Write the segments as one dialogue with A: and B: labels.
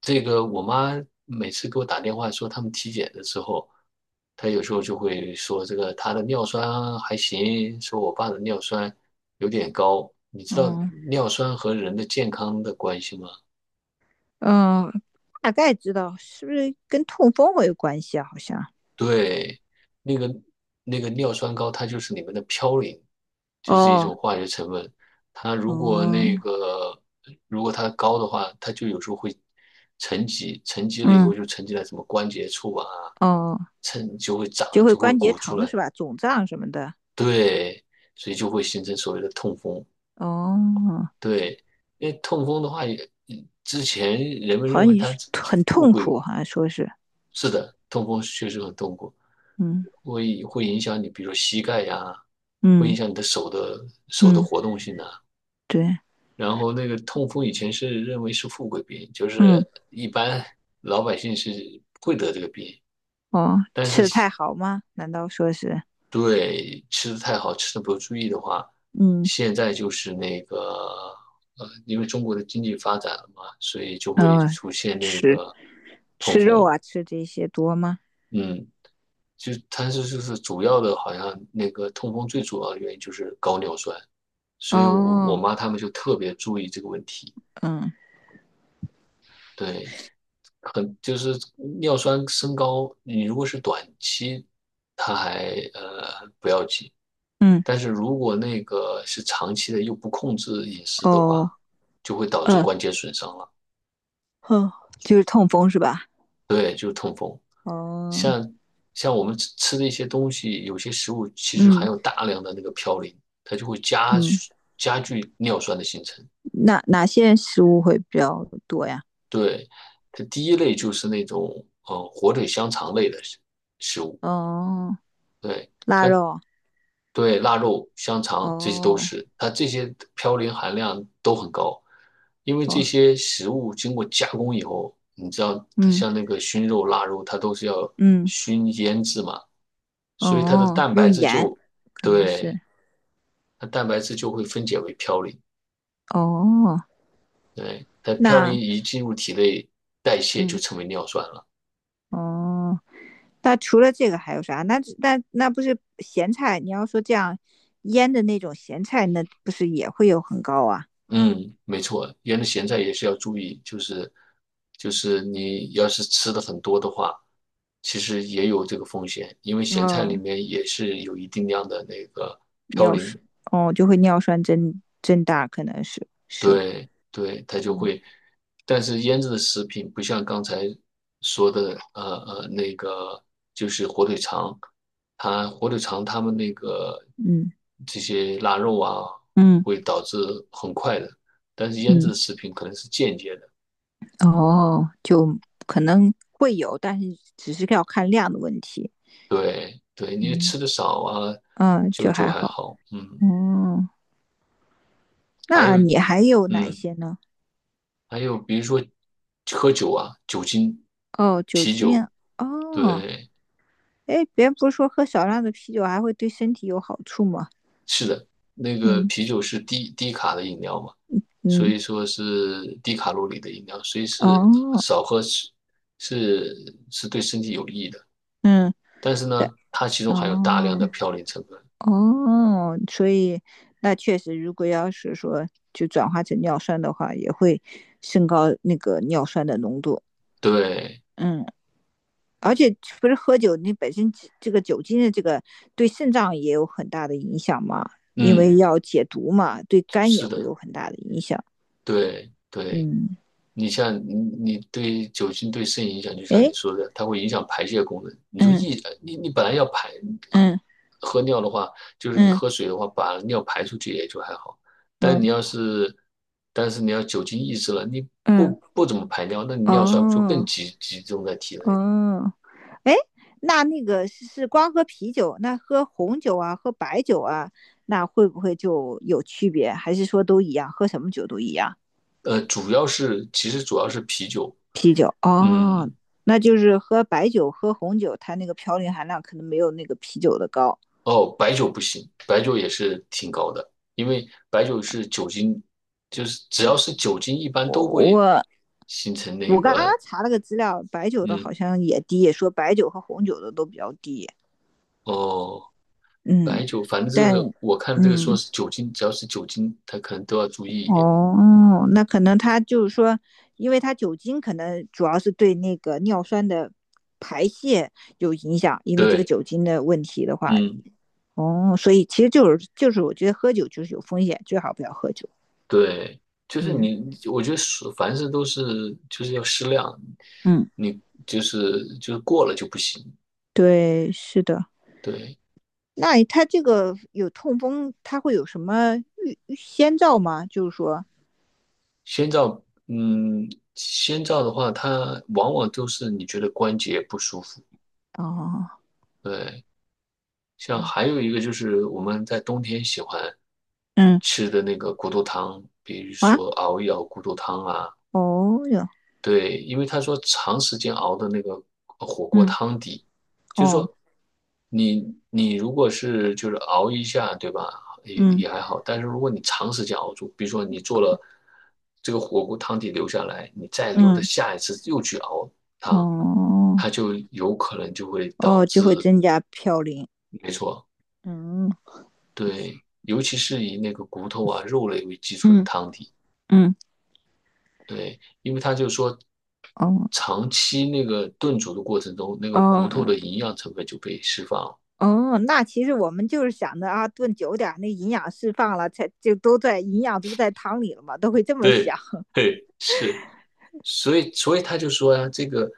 A: 这个我妈每次给我打电话说他们体检的时候，她有时候就会说这个她的尿酸还行，说我爸的尿酸有点高。你知道
B: 嗯，
A: 尿酸和人的健康的关系吗？
B: 嗯，大概知道是不是跟痛风会有关系啊？好像。
A: 对，那个那个尿酸高，它就是里面的嘌呤，就是一
B: 哦，
A: 种化学成分。它如果那
B: 哦，
A: 个如果它高的话，它就有时候会沉积，沉积了以
B: 嗯，
A: 后就沉积在什么关节处啊，
B: 哦，
A: 沉就会
B: 就
A: 长，
B: 会
A: 就会
B: 关节
A: 鼓出
B: 疼
A: 来。
B: 是吧？肿胀什么的。
A: 对，所以就会形成所谓的痛风。
B: 哦，
A: 对，因为痛风的话也，之前人们
B: 好
A: 认
B: 像
A: 为
B: 也
A: 它
B: 是
A: 是
B: 很
A: 富
B: 痛
A: 贵。
B: 苦，好像说是。
A: 是的，痛风确实很痛苦，
B: 嗯，
A: 会影响你，比如说膝盖呀，会影
B: 嗯
A: 响你的手的
B: 嗯，
A: 活动性呐、
B: 对。
A: 然后那个痛风以前是认为是富贵病，就是
B: 嗯，
A: 一般老百姓是不会得这个病，
B: 哦，
A: 但
B: 吃
A: 是
B: 的太好吗？难道说是。
A: 对吃的太好，吃的不注意的话，
B: 嗯，
A: 现在就是因为中国的经济发展了嘛，所以就会
B: 呃，
A: 出现那
B: 吃
A: 个痛
B: 吃肉
A: 风，
B: 啊，吃这些多吗？
A: 嗯。就它是就是主要的，好像那个痛风最主要的原因就是高尿酸，所以我我
B: 哦，
A: 妈他们就特别注意这个问题。
B: 嗯
A: 对，很就是尿酸升高，你如果是短期，它还不要紧，
B: 嗯，
A: 但是如果那个是长期的又不控制饮食的
B: 哦，
A: 话，就会导致
B: 呃，
A: 关节损伤了，
B: 哦，就是痛风是吧？
A: 对，就是痛风。
B: 哦，
A: 像像我们吃的一些东西，有些食物其实含
B: 嗯
A: 有大量的那个嘌呤，它就会加
B: 嗯，
A: 加剧尿酸的形成。
B: 哪些食物会比较多呀？
A: 对，它第一类就是那种火腿香肠类的食物，
B: 哦，
A: 对，
B: 腊肉。
A: 对腊肉、香肠这些都
B: 哦
A: 是，它这些嘌呤含量都很高，因为这
B: 哦，
A: 些食物经过加工以后，你知道它
B: 嗯
A: 像那个熏肉、腊肉，它都是要
B: 嗯，
A: 熏腌制嘛，所以它的
B: 哦，
A: 蛋
B: 用
A: 白质
B: 盐
A: 就
B: 可能
A: 对
B: 是。
A: 它蛋白质就会分解为嘌呤，
B: 哦，
A: 对，它嘌呤
B: 那
A: 一进入体内代谢就
B: 嗯
A: 成为尿酸了。
B: 哦，那除了这个还有啥？那不是咸菜？你要说这样腌的那种咸菜，那不是也会有很高啊？
A: 嗯，没错，原来咸菜也是要注意，就是你要是吃的很多的话，其实也有这个风险，因为咸菜里
B: 哦，
A: 面也是有一定量的那个嘌
B: 尿
A: 呤。
B: 酸。哦，就会尿酸增大，可能是，
A: 对对，它就
B: 嗯
A: 会，但是腌制的食品不像刚才说的，那个就是火腿肠，火腿肠它们那个
B: 嗯
A: 这些腊肉啊，
B: 嗯。
A: 会导致很快的，但是腌制
B: 嗯
A: 的食品可能是间接的，
B: 哦，就可能会有，但是只是要看量的问题。
A: 对对，你
B: 嗯
A: 吃的少啊，
B: 嗯，
A: 就
B: 就
A: 就
B: 还
A: 还
B: 好。
A: 好，嗯，
B: 哦，
A: 还
B: 那
A: 有
B: 你还有哪
A: 嗯，
B: 些呢？
A: 还有比如说喝酒啊，酒精，
B: 哦，酒
A: 啤
B: 精。
A: 酒，
B: 哦，
A: 对。
B: 哎，别人不是说喝少量的啤酒还会对身体有好处吗？
A: 是的，那个
B: 嗯
A: 啤酒是低卡的饮料嘛，所
B: 嗯，
A: 以说是低卡路里的饮料，所以是
B: 哦，
A: 少喝是对身体有益的。
B: 嗯，
A: 但是
B: 对，
A: 呢，它其中含有大量的
B: 哦
A: 嘌呤成分。
B: 哦，所以那确实，如果要是说就转化成尿酸的话，也会升高那个尿酸的浓度。
A: 对，
B: 嗯。而且不是喝酒，你本身这个酒精的这个对肾脏也有很大的影响嘛，因为
A: 嗯，
B: 要解毒嘛，对肝也
A: 是
B: 会
A: 的，
B: 有很大的影响。
A: 对对。
B: 嗯，
A: 你像你对酒精对肾影响，就像
B: 哎，
A: 你说的，它会影响排泄功能。你就
B: 嗯
A: 一你你本来要
B: 嗯
A: 喝尿的话，就是你
B: 嗯
A: 喝水的话，把尿排出去也就还好。但
B: 嗯
A: 你要是但是你要酒精抑制了，你
B: 嗯，
A: 不怎么排尿，那你尿酸就更
B: 哦
A: 集中在体内了。
B: 哦，哎，那那个是光喝啤酒，那喝红酒啊，喝白酒啊，那会不会就有区别？还是说都一样，喝什么酒都一样？
A: 呃，主要是其实主要是啤酒，
B: 啤酒哦，
A: 嗯，
B: 那就是喝白酒、喝红酒，它那个嘌呤含量可能没有那个啤酒的高。
A: 哦，白酒不行，白酒也是挺高的，因为白酒是酒精，就是只要是酒精，一般都
B: 我
A: 会
B: 我
A: 形成那
B: 我刚刚
A: 个，
B: 查了个资料，白酒的好
A: 嗯，
B: 像也低，也说白酒和红酒的都比较低。
A: 哦，
B: 嗯，
A: 白酒，反正这
B: 但
A: 个我看这个说
B: 嗯
A: 是酒精，只要是酒精，它可能都要注意一点。
B: 哦，那可能它就是说，因为它酒精可能主要是对那个尿酸的排泄有影响，因为这个
A: 对，
B: 酒精的问题的话。
A: 嗯，
B: 哦，所以其实就是我觉得喝酒就是有风险，最好不要喝酒。
A: 对，就是
B: 嗯。
A: 你，我觉得是凡事都是要适量，
B: 嗯，
A: 你就是过了就不行。
B: 对，是的。
A: 对，
B: 那他这个有痛风，他会有什么先兆吗？就是说。
A: 先兆，嗯，先兆的话，它往往都是你觉得关节不舒服。
B: 哦，
A: 对，像还有一个就是我们在冬天喜欢
B: 嗯，
A: 吃的那个骨头汤，比如
B: 啊，
A: 说熬一熬骨头汤啊，
B: 哦哟，
A: 对，因为他说长时间熬的那个火锅
B: 嗯，
A: 汤底，就是
B: 哦，
A: 说你如果是熬一下，对吧？也
B: 嗯，
A: 也还好，但是如果你长时间熬住，比如说你做了这个火锅汤底留下来，你再留的
B: 嗯，
A: 下一次又去熬汤，
B: 哦，
A: 它就有可能就会导
B: 哦，就
A: 致，
B: 会增加嘌呤。
A: 没错，
B: 嗯
A: 对，尤其是以那个骨头啊、肉类为基础的
B: 嗯
A: 汤底。
B: 嗯，
A: 对，因为他就说，
B: 哦
A: 长期那个炖煮的过程中，那个骨
B: 哦
A: 头的营养成分就被释放了。
B: 哦，那其实我们就是想着啊，炖久点儿那营养释放了，才就都在营养都在汤里了嘛，都会这么想。
A: 对，嘿，是，所以他就说呀、这个，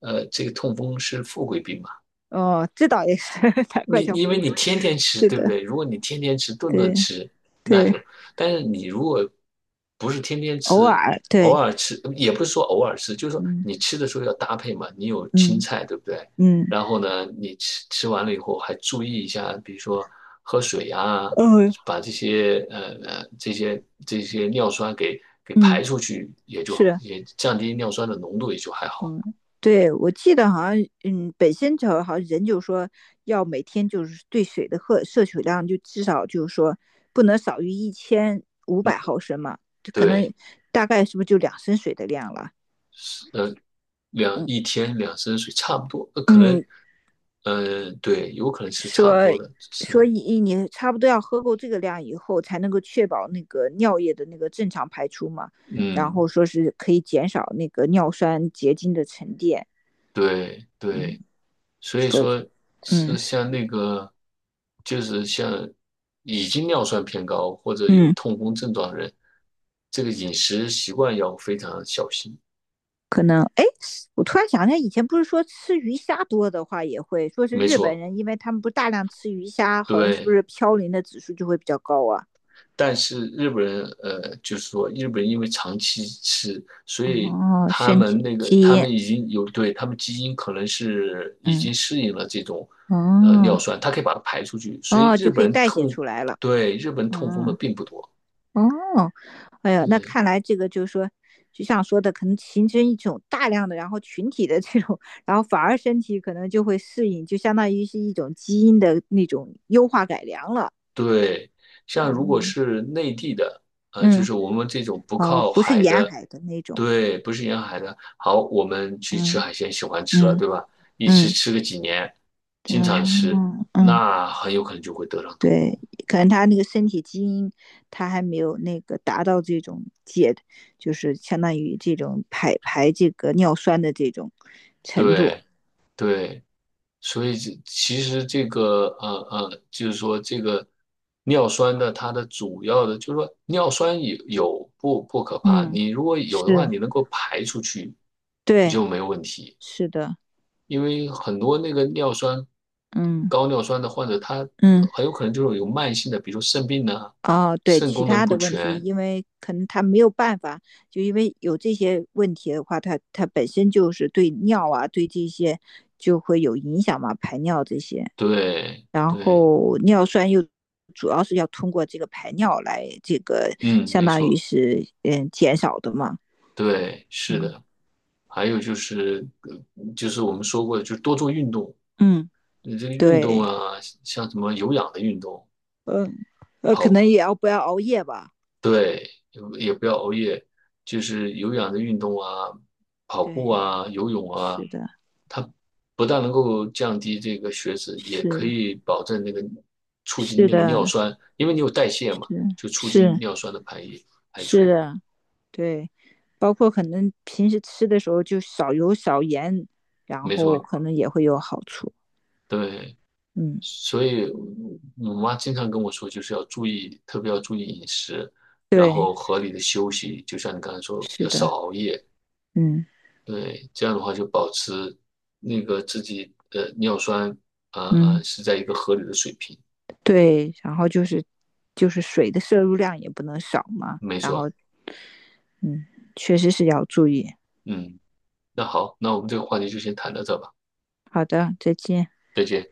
A: 呃，这个痛风是富贵病嘛。
B: 哦，这倒也是，难怪
A: 你
B: 叫
A: 因
B: 糊
A: 为你
B: 糊。
A: 天天吃，
B: 是
A: 对不
B: 的，
A: 对？如果你天天吃，顿顿
B: 对
A: 吃，那
B: 对。
A: 就，但是你如果不是天天
B: 偶
A: 吃，
B: 尔
A: 偶
B: 对，
A: 尔吃，也不是说偶尔吃，就是说
B: 嗯
A: 你吃的时候要搭配嘛，你有青
B: 嗯
A: 菜，对不对？
B: 嗯，
A: 然后呢，你吃吃完了以后还注意一下，比如说喝水呀，
B: 嗯
A: 把这些这些尿酸给排
B: 嗯
A: 出去，也就
B: 是，
A: 也降低尿酸的浓度，也就还好。
B: 嗯，对我记得好像。嗯，北仙桥好像人就说要每天就是对水的喝摄取量就至少就是说不能少于1500毫升嘛，就可能
A: 对，
B: 大概是不是就2升水的量了？
A: 呃，
B: 嗯
A: 一天2升水差不多，呃，可能
B: 嗯，
A: 呃，对，有可能是差不
B: 说
A: 多的，是
B: 所
A: 的，
B: 以你差不多要喝够这个量以后，才能够确保那个尿液的那个正常排出嘛。然后
A: 嗯，
B: 说是可以减少那个尿酸结晶的沉淀。
A: 对
B: 嗯，
A: 对，所以
B: 否则
A: 说是
B: 嗯
A: 像那个，就是像已经尿酸偏高或者有
B: 嗯，
A: 痛风症状的人，这个饮食习惯要非常小心。
B: 可能哎，我突然想起来，以前不是说吃鱼虾多的话也会说是
A: 没
B: 日本
A: 错，
B: 人，因为他们不大量吃鱼虾，好像是不
A: 对。
B: 是嘌呤的指数就会比较高啊？
A: 但是日本人，呃，就是说日本人因为长期吃，所以
B: 哦，身体基
A: 他
B: 因。
A: 们已经有对他们基因可能是已
B: 嗯，
A: 经适应了这种呃
B: 哦
A: 尿酸，它可以把它排出去，所以
B: 哦，就
A: 日
B: 可以
A: 本人
B: 代谢
A: 痛，
B: 出来了。
A: 对，日本痛风的
B: 嗯。
A: 并不多，
B: 哦，哎呀，那
A: 对
B: 看来这个就是说，就像说的，可能形成一种大量的，然后群体的这种，然后反而身体可能就会适应，就相当于是一种基因的那种优化改良了。
A: 对，像如果
B: 嗯
A: 是内地的，呃，就
B: 嗯，
A: 是我们这种不
B: 哦，
A: 靠
B: 不是
A: 海
B: 沿
A: 的，
B: 海的那种。
A: 对，不是沿海的。好，我们去吃
B: 嗯
A: 海鲜，喜欢吃了，
B: 嗯
A: 对吧？
B: 嗯，
A: 吃个几年，
B: 对
A: 经
B: 啊，
A: 常吃，
B: 嗯
A: 那很有可能就会得上痛
B: 对，
A: 风。
B: 可能他那个身体基因，他还没有那个达到这种解，就是相当于这种排这个尿酸的这种程度。
A: 对对，所以这其实这个，就是说这个尿酸的它的主要的，就是说尿酸有不可怕，
B: 嗯，
A: 你如果有的话，
B: 是，
A: 你能够排出去，你
B: 对，
A: 就没有问题。
B: 是的，
A: 因为很多那个尿酸
B: 嗯
A: 高尿酸的患者，他
B: 嗯，
A: 很有可能就是有慢性的，比如肾病呐、
B: 哦，对，
A: 肾
B: 其
A: 功
B: 他
A: 能不
B: 的问题，
A: 全。
B: 因为可能他没有办法，就因为有这些问题的话，他本身就是对尿啊，对这些就会有影响嘛，排尿这些，
A: 对
B: 然
A: 对，
B: 后尿酸又主要是要通过这个排尿来这个
A: 嗯，
B: 相
A: 没
B: 当于
A: 错，
B: 是嗯减少的嘛。
A: 对，是
B: 嗯
A: 的。还有就是，就是我们说过的，就是多做运动。
B: 嗯，
A: 你这个运动
B: 对，
A: 啊，像什么有氧的运动，
B: 嗯，可
A: 跑，
B: 能也要不要熬夜吧。
A: 对，也不要熬夜，就是有氧的运动啊，跑步
B: 对，
A: 啊，游泳啊。
B: 是的，
A: 不但能够降低这个血脂，也可
B: 是。
A: 以保证那个促进
B: 是
A: 那个
B: 的，
A: 尿酸，因为你有代谢嘛，
B: 是
A: 就促进
B: 是
A: 尿酸的排
B: 是
A: 出。
B: 的，对，包括可能平时吃的时候就少油少盐，然
A: 没
B: 后
A: 错，
B: 可能也会有好处。
A: 对，
B: 嗯，
A: 所以我妈经常跟我说，就是要注意，特别要注意饮食，然
B: 对，
A: 后合理的休息，就像你刚才说，
B: 是
A: 要少
B: 的，
A: 熬夜。
B: 嗯
A: 对，这样的话就保持那个自己的尿酸，呃
B: 嗯，
A: 是在一个合理的水平。
B: 对，然后就是水的摄入量也不能少嘛，
A: 没
B: 然后
A: 错，
B: 嗯，确实是要注意。
A: 嗯，那好，那我们这个话题就先谈到这吧，
B: 好的，再见。
A: 再见。